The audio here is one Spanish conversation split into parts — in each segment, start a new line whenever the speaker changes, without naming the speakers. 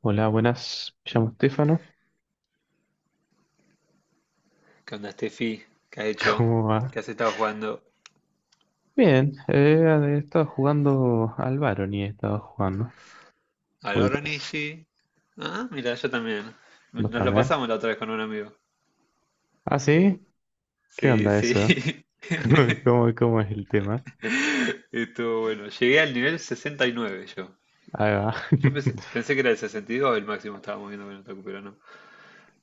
Hola, buenas. Me llamo Estefano.
¿Qué onda, Steffi? ¿Qué has hecho?
¿Cómo
¿Qué
va?
has estado jugando?
Bien, he estado jugando al Baron y he estado jugando.
¿Al
¿Ubicas?
Oronishi? Ah, mira, yo también.
¿Vos
Nos lo
también?
pasamos la otra vez con un amigo.
¿Ah, sí? ¿Qué
Sí,
onda
sí.
eso? ¿Cómo, cómo es el tema?
Estuvo bueno. Llegué al nivel 69 yo.
Ahí va.
Yo pensé, pensé que era el 62 el máximo, estábamos viendo con el Otaku, pero no.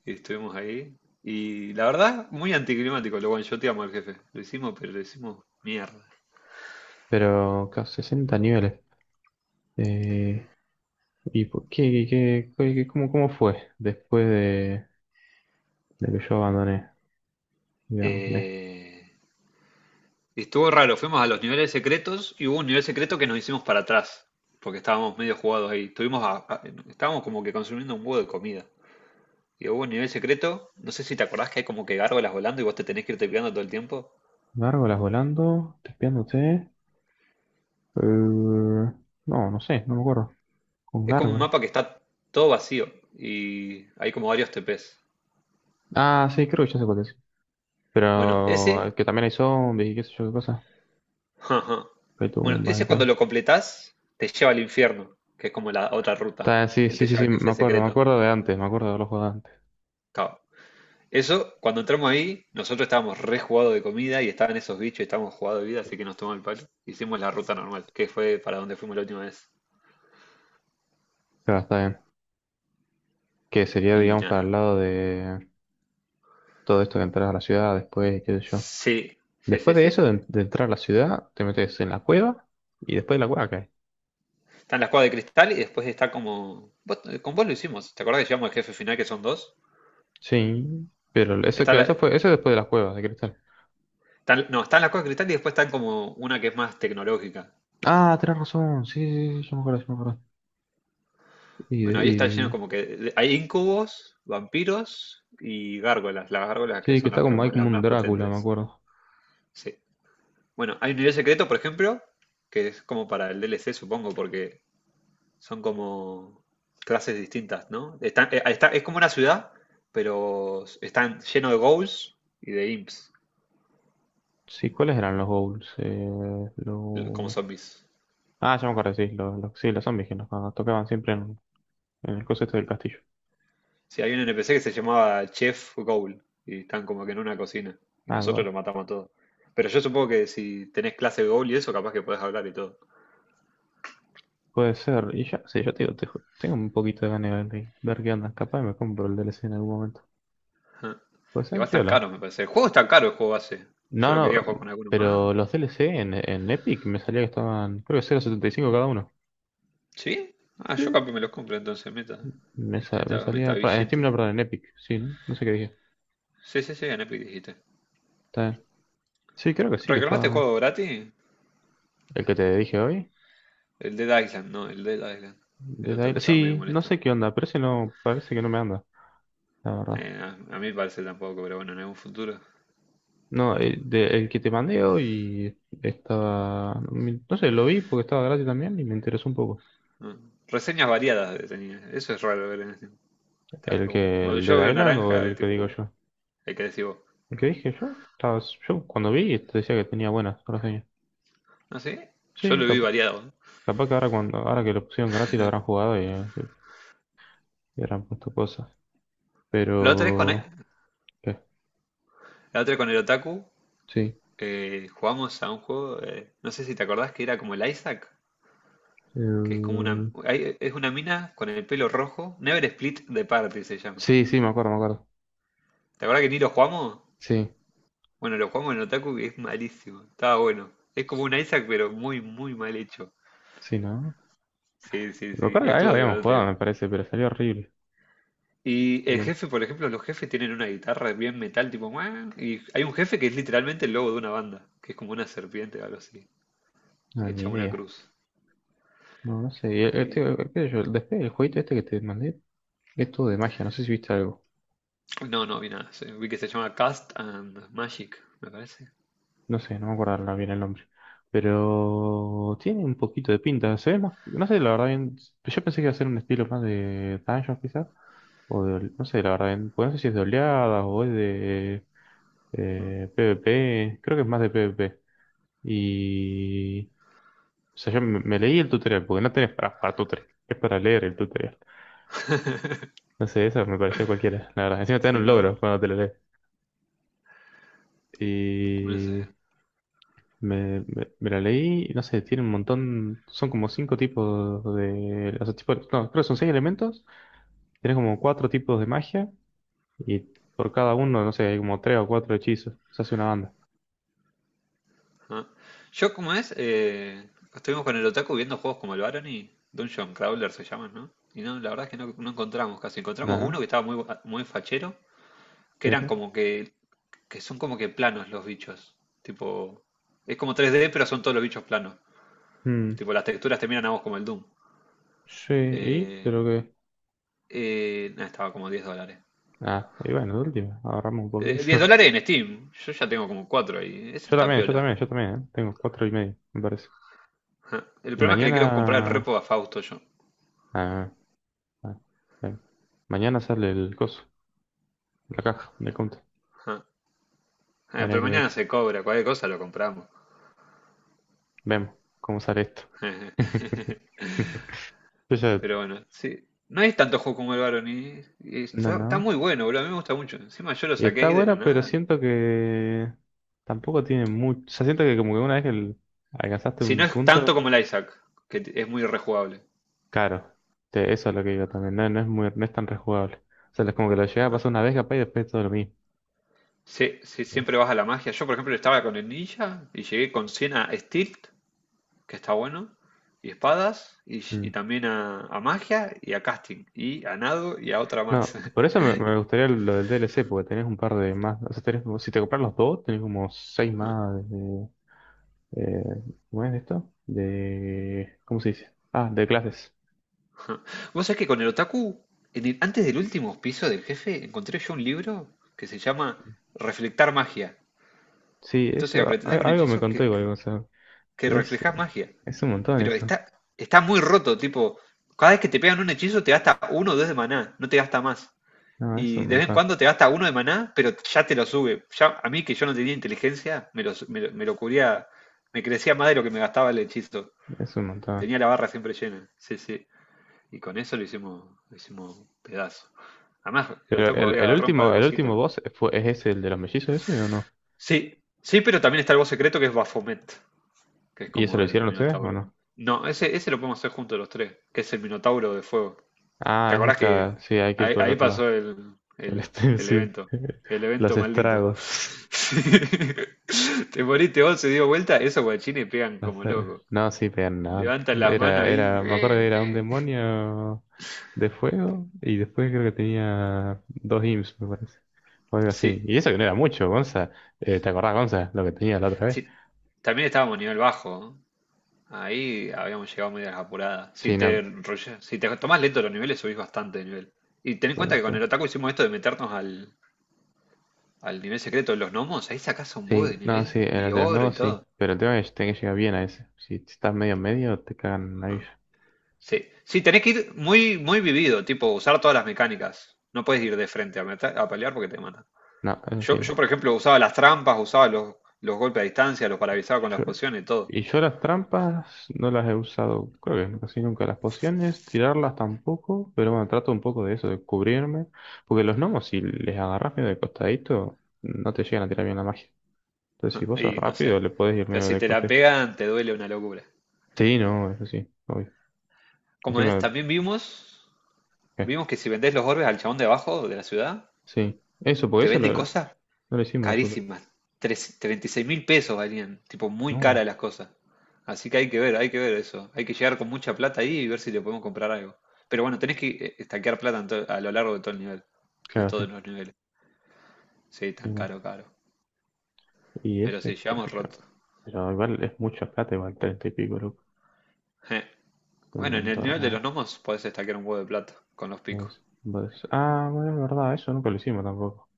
Y estuvimos ahí. Y la verdad, muy anticlimático. Lo one-shoteamos al jefe. Lo hicimos, pero lo hicimos mierda.
Pero, claro, 60 niveles. Eh, ¿Y por qué, qué cómo, cómo fue después de que yo abandoné? Digámosle.
Eh, Y estuvo raro, fuimos a los niveles secretos y hubo un nivel secreto que nos hicimos para atrás, porque estábamos medio jugados ahí. Estábamos como que consumiendo un huevo de comida. Y hubo un nivel secreto, no sé si te acordás que hay como que gárgolas volando y vos te tenés que irte pegando todo el tiempo.
Gárgolas volando, tespiándote. Eh, no, no sé, no me acuerdo. Con
Es como un
gárgolas.
mapa que está todo vacío y hay como varios TPs.
Ah, sí, creo que ya sé cuál es.
Bueno,
Pero
ese,
que también hay zombies y qué sé yo qué cosa.
ajá.
Que hay
Bueno,
tumbas y
ese cuando
tal.
lo completás te lleva al infierno, que es como la otra ruta
Está, sí,
que
sí,
te
sí,
lleva
sí,
al jefe
me
secreto.
acuerdo de antes, me acuerdo de los juegos de antes.
Claro, eso, cuando entramos ahí, nosotros estábamos re jugados de comida y estaban esos bichos y estábamos jugados de vida, así que nos tomó el palo. Hicimos la ruta normal, que fue para donde fuimos la última vez.
Claro, está bien. Que sería,
Y
digamos, para el
nada.
lado de todo esto de entrar a la ciudad después y qué sé yo.
Sí, sí,
Después
sí,
de
sí.
eso, de entrar a la ciudad, te metes en la cueva y después de la cueva cae.
Está en la cuevas de cristal y después está como, con vos lo hicimos. ¿Te acordás que llevamos al jefe final que son dos?
Sí, pero eso,
Está
claro,
la-
eso fue, eso es después de las cuevas de cristal.
no, están las cuevas de cristal y después están como una que es más tecnológica.
Ah, tenés razón, sí, sí, sí, yo me acuerdo, yo me acuerdo. Y,
Bueno,
de-
ahí está
y,
lleno
y-
como que, hay incubos, vampiros y gárgolas. Las gárgolas que
sí, que
son
está como, hay como
las
un
más
Drácula, me
potentes.
acuerdo.
Sí. Bueno, hay un nivel secreto, por ejemplo, que es como para el DLC, supongo, porque son como clases distintas, ¿no? Es como una ciudad, pero están lleno de ghouls y de imps,
Sí, ¿cuáles eran los goals?
como
Lo...
zombies.
Ah, ya me acuerdo, sí, sí, los zombies que nos tocaban siempre en el coso este del castillo.
Sí, hay un NPC que se llamaba Chef Ghoul y están como que en una cocina y
Ah,
nosotros
guay.
lo matamos a todos. Pero yo supongo que si tenés clase de Ghoul y eso, capaz que podés hablar y todo.
Puede ser. Y ya, sí, yo te digo, tengo un poquito de ganas de ver qué onda. Capaz me compro el DLC en algún momento.
Ajá.
Puede ser
Igual tan caro,
piola.
me parece. El juego es tan caro, el juego base. Yo
No,
lo quería jugar
no,
con alguno más.
pero los DLC en Epic me salía que estaban, creo que 0,75 cada uno.
¿Sí? Ah,
Sí.
yo capaz me los compro entonces, meta.
Me
Meta, meta
salía, en Steam
billete.
no, perdón, en Epic, sí, ¿no? No sé qué dije.
Sí, sí, sí, en Epic dijiste.
Está bien. Sí, creo que sí, que
¿Reclamaste el
estaba
juego gratis?
el que te dije hoy.
El Dead Island, no, el Dead Island. El otaku estaba medio
Sí, no
molesto.
sé qué onda, parece no, parece que no me anda, la verdad.
Eh, a, a mí parece tampoco, pero bueno, en algún futuro.
No, el que te mandé hoy estaba, no sé, lo vi porque estaba gratis también y me interesó un poco.
¿No? Reseñas variadas tenía. Eso es raro ver en este. Está
El
como,
que,
cuando
el de
yo veo
Island o
naranja, es
el que
tipo,
digo yo.
hay que decir vos.
El que dije yo, estaba, yo cuando vi te decía que tenía buenas reseñas.
No sé, yo
Sí,
lo vi
capaz,
variado. ¿No?
capaz que ahora cuando, ahora que lo pusieron gratis lo habrán jugado y habrán puesto cosas.
La otra vez con, e-
Pero, ¿qué?
la otra vez con el otaku,
Sí.
jugamos a un juego, no sé si te acordás que era como el Isaac. Que es como una,
Eh,
es una mina con el pelo rojo. Never Split the Party se llama.
sí, sí, me acuerdo, me acuerdo.
¿Te acuerdas que ni lo jugamos?
Sí,
Bueno, lo jugamos en Otaku y es malísimo. Estaba bueno. Es como un Isaac, pero muy, muy mal hecho.
sí, ¿no?
Sí, sí,
Me
sí.
acuerdo
Y
que algo
estuvo
habíamos jugado,
divertido.
me parece, pero salió horrible.
Y
Así
el
que,
jefe, por ejemplo, los jefes tienen una guitarra bien metal, tipo, "Muah". Y hay un jefe que es literalmente el logo de una banda, que es como una serpiente o algo así,
no, ni
hecha una
idea.
cruz.
No, no sé. Y este,
Y.
qué sé yo, después del jueguito este que te mandé, es todo de magia, no sé si viste algo.
No, no vi nada. Sí, vi que se llama Cast and Magic, me parece.
No sé, no me acuerdo ahora bien el nombre. Pero tiene un poquito de pinta, se ve más, no sé, la verdad bien, yo pensé que iba a ser un estilo más de Dungeons quizás, o de, no sé, la verdad bien, pues no sé si es de oleadas o es de
¿No?
PvP, creo que es más de PvP. Y, o sea, yo me leí el tutorial, porque no tenés para tutorial, es para leer el tutorial. No sé, eso me pareció cualquiera, la verdad. Encima te dan
Si
un
no,
logro cuando te lo lees.
no
Y
sé.
me la leí, y no sé, tiene un montón, son como cinco tipos de, o sea, tipo, no, creo que son seis elementos, tiene como cuatro tipos de magia, y por cada uno, no sé, hay como tres o cuatro hechizos, se hace una banda.
Ajá. Yo, como es, estuvimos con el Otaku viendo juegos como el Barony, Dungeon Crawler se llaman, ¿no? Y no, la verdad es que no, no encontramos casi.
No,
Encontramos uno que
no,
estaba muy fachero, que eran
pero,
como que, que son como que planos los bichos. Tipo, es como 3D, pero son todos los bichos planos.
mm,
Tipo, las texturas te miran a vos como el Doom.
sí, y,
Eh,
pero que,
nah, estaba como $10.
ah, y bueno, de última, ahorramos un poquito.
10 dólares en Steam. Yo ya tengo como 4 ahí. Ese
Yo
está
también, yo
piola.
también, yo también, ¿eh? Tengo cuatro y medio, me parece.
Ajá. El
Y
problema es que le quiero comprar el
mañana,
repo a Fausto yo.
ah, ah, bien. Mañana sale el coso, la caja de compra.
Ajá. Ah,
Habría
pero
que ver
mañana
eso.
se cobra, cualquier cosa lo compramos.
Vemos cómo sale esto. Yo ya-
Pero bueno, sí. No hay tanto juego como el Baron y, y
No,
está,
no.
está muy bueno, boludo. A mí me gusta mucho. Encima yo lo
Y
saqué
está
ahí de la
buena, pero
nada.
siento que tampoco tiene mucho. O sea, siento que como que una vez que alcanzaste
Si no
un
es tanto
punto,
como el Isaac, que es muy rejugable.
claro. Eso es lo que digo también. No, no es muy, no es tan rejugable. O sea, es como que lo llegas a
Ah.
pasar una vez capaz y después es todo lo mismo.
Sí, sí, siempre vas a la magia. Yo, por ejemplo, estaba con el ninja y llegué con 100 a Stilt, que está bueno, y espadas, y,
Mm.
y también a magia, y a casting, y a nado, y a otra
No,
más.
por eso me gustaría lo del DLC, porque tenés un par de más. O sea, tenés, como- si te compras los dos, tenés como seis más. eh, ¿Cómo es esto? De, ¿cómo se dice? Ah, de clases.
Ah. Vos sabés que con el otaku, antes del último piso del jefe, encontré yo un libro que se llama Reflectar magia.
Sí, eso,
Entonces aprendés un
algo me
hechizo
contó
que,
igual,
que,
o sea,
que
es,
reflejás magia.
es un montón
Pero
eso.
está muy roto, tipo, cada vez que te pegan un hechizo te gasta uno o dos de maná, no te gasta más.
No, es
Y
un
de vez en
montón,
cuando te gasta uno de maná, pero ya te lo sube. Ya, a mí que yo no tenía inteligencia, me lo cubría, me crecía más de lo que me gastaba el hechizo.
es un montón.
Tenía la barra siempre llena. Sí, sí. Y con eso lo hicimos pedazo. Además, el
Pero
Otaku había agarrado un par de
el
cositas.
último boss fue, ¿es ese el de los mellizos ese o no?
Sí, sí, pero también está el voz secreto que es Baphomet, que es
¿Y eso lo
como el
hicieron ustedes o
Minotauro.
no?
No, ese lo podemos hacer juntos los tres, que es el Minotauro de Fuego. ¿Te
Ah, ese es
acordás que
claro, sí, hay que ir
ahí,
por el
ahí
otro
pasó
lado.
el,
El
el-
este,
el
sí,
evento? El
los
evento maldito.
estragos.
Sí. Te moriste vos, se dio vuelta, esos guachines pegan como locos.
No, sí, pero nada.
Levantan las manos
Era,
ahí.
era, me acuerdo que era un demonio de fuego y después creo que tenía dos imps, me parece. O algo así.
Sí,
Y eso que no era mucho, Gonza. ¿Te acordás, Gonza, lo que tenía la otra vez?
sí. También estábamos a nivel bajo, ¿no? Ahí habíamos llegado medio a las apuradas. Si
Sí,
te,
no,
rolle- si te tomás lento los niveles, subís bastante de nivel. Y ten en
por
cuenta que con
eso.
el Otaku hicimos esto de meternos al nivel secreto de los gnomos. Ahí sacás un huevo de
Sí, no, sí,
nivel
en
y
el de los
oro y
nuevos sí.
todo.
Pero el tema es que tenés que llegar bien a ese. Si estás medio en medio, te cagan ahí.
Ajá. Sí, sí, tenés que ir muy, muy vivido, tipo usar todas las mecánicas. No puedes ir de frente a pelear porque te matan.
No, eso
Yo,
sí.
yo, por ejemplo, usaba las trampas, usaba los golpes a distancia, los paralizaba con las
Yo,
pociones y todo.
y yo las trampas no las he usado, creo que casi nunca. Las pociones, tirarlas tampoco, pero bueno, trato un poco de eso, de cubrirme. Porque los gnomos, si les agarras medio de costadito, no te llegan a tirar bien la magia. Entonces, si vos sos
Y no sé.
rápido, le podés ir
Pero
medio
si
de
te la
coste.
pegan, te duele una locura.
Sí, no, eso sí, obvio.
Como es,
Encima,
también vimos.
eh,
Vimos que si vendés los orbes al chabón de abajo de la ciudad,
sí. Eso, porque
te vende
no
cosas
lo hicimos nosotros.
carísimas. 36 mil pesos valían, tipo muy
No,
caras las cosas. Así que hay que ver eso. Hay que llegar con mucha plata ahí y ver si le podemos comprar algo. Pero bueno, tenés que estaquear plata a lo largo de todo el nivel. De
claro,
todos
sí.
los niveles. Sí,
Sí,
tan
no.
caro, caro.
Y
Pero si
ese, qué sé
llegamos
yo.
roto.
Pero igual es mucha plata, igual 30 y pico, loco.
Je.
Un
Bueno, en el
montón.
nivel de los gnomos podés estaquear un huevo de plata con los picos.
Pues, ah, bueno, es verdad, eso nunca lo hicimos tampoco.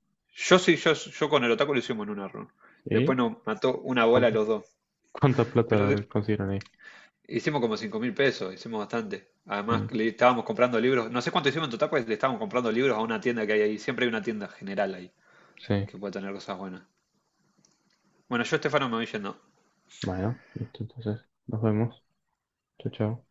Yo sí, yo con el otaku lo hicimos en una run. Después
¿Y
nos mató una bola a
cuánto?
los dos.
¿Cuánta
Pero
plata consiguieron ahí?
hicimos como 5.000 pesos, hicimos bastante. Además,
Mm,
le estábamos comprando libros. No sé cuánto hicimos en total, pues le estábamos comprando libros a una tienda que hay ahí. Siempre hay una tienda general ahí
sí,
que puede tener cosas buenas. Bueno, yo, Estefano, me voy yendo.
bueno, listo, entonces nos vemos. Chao, chao.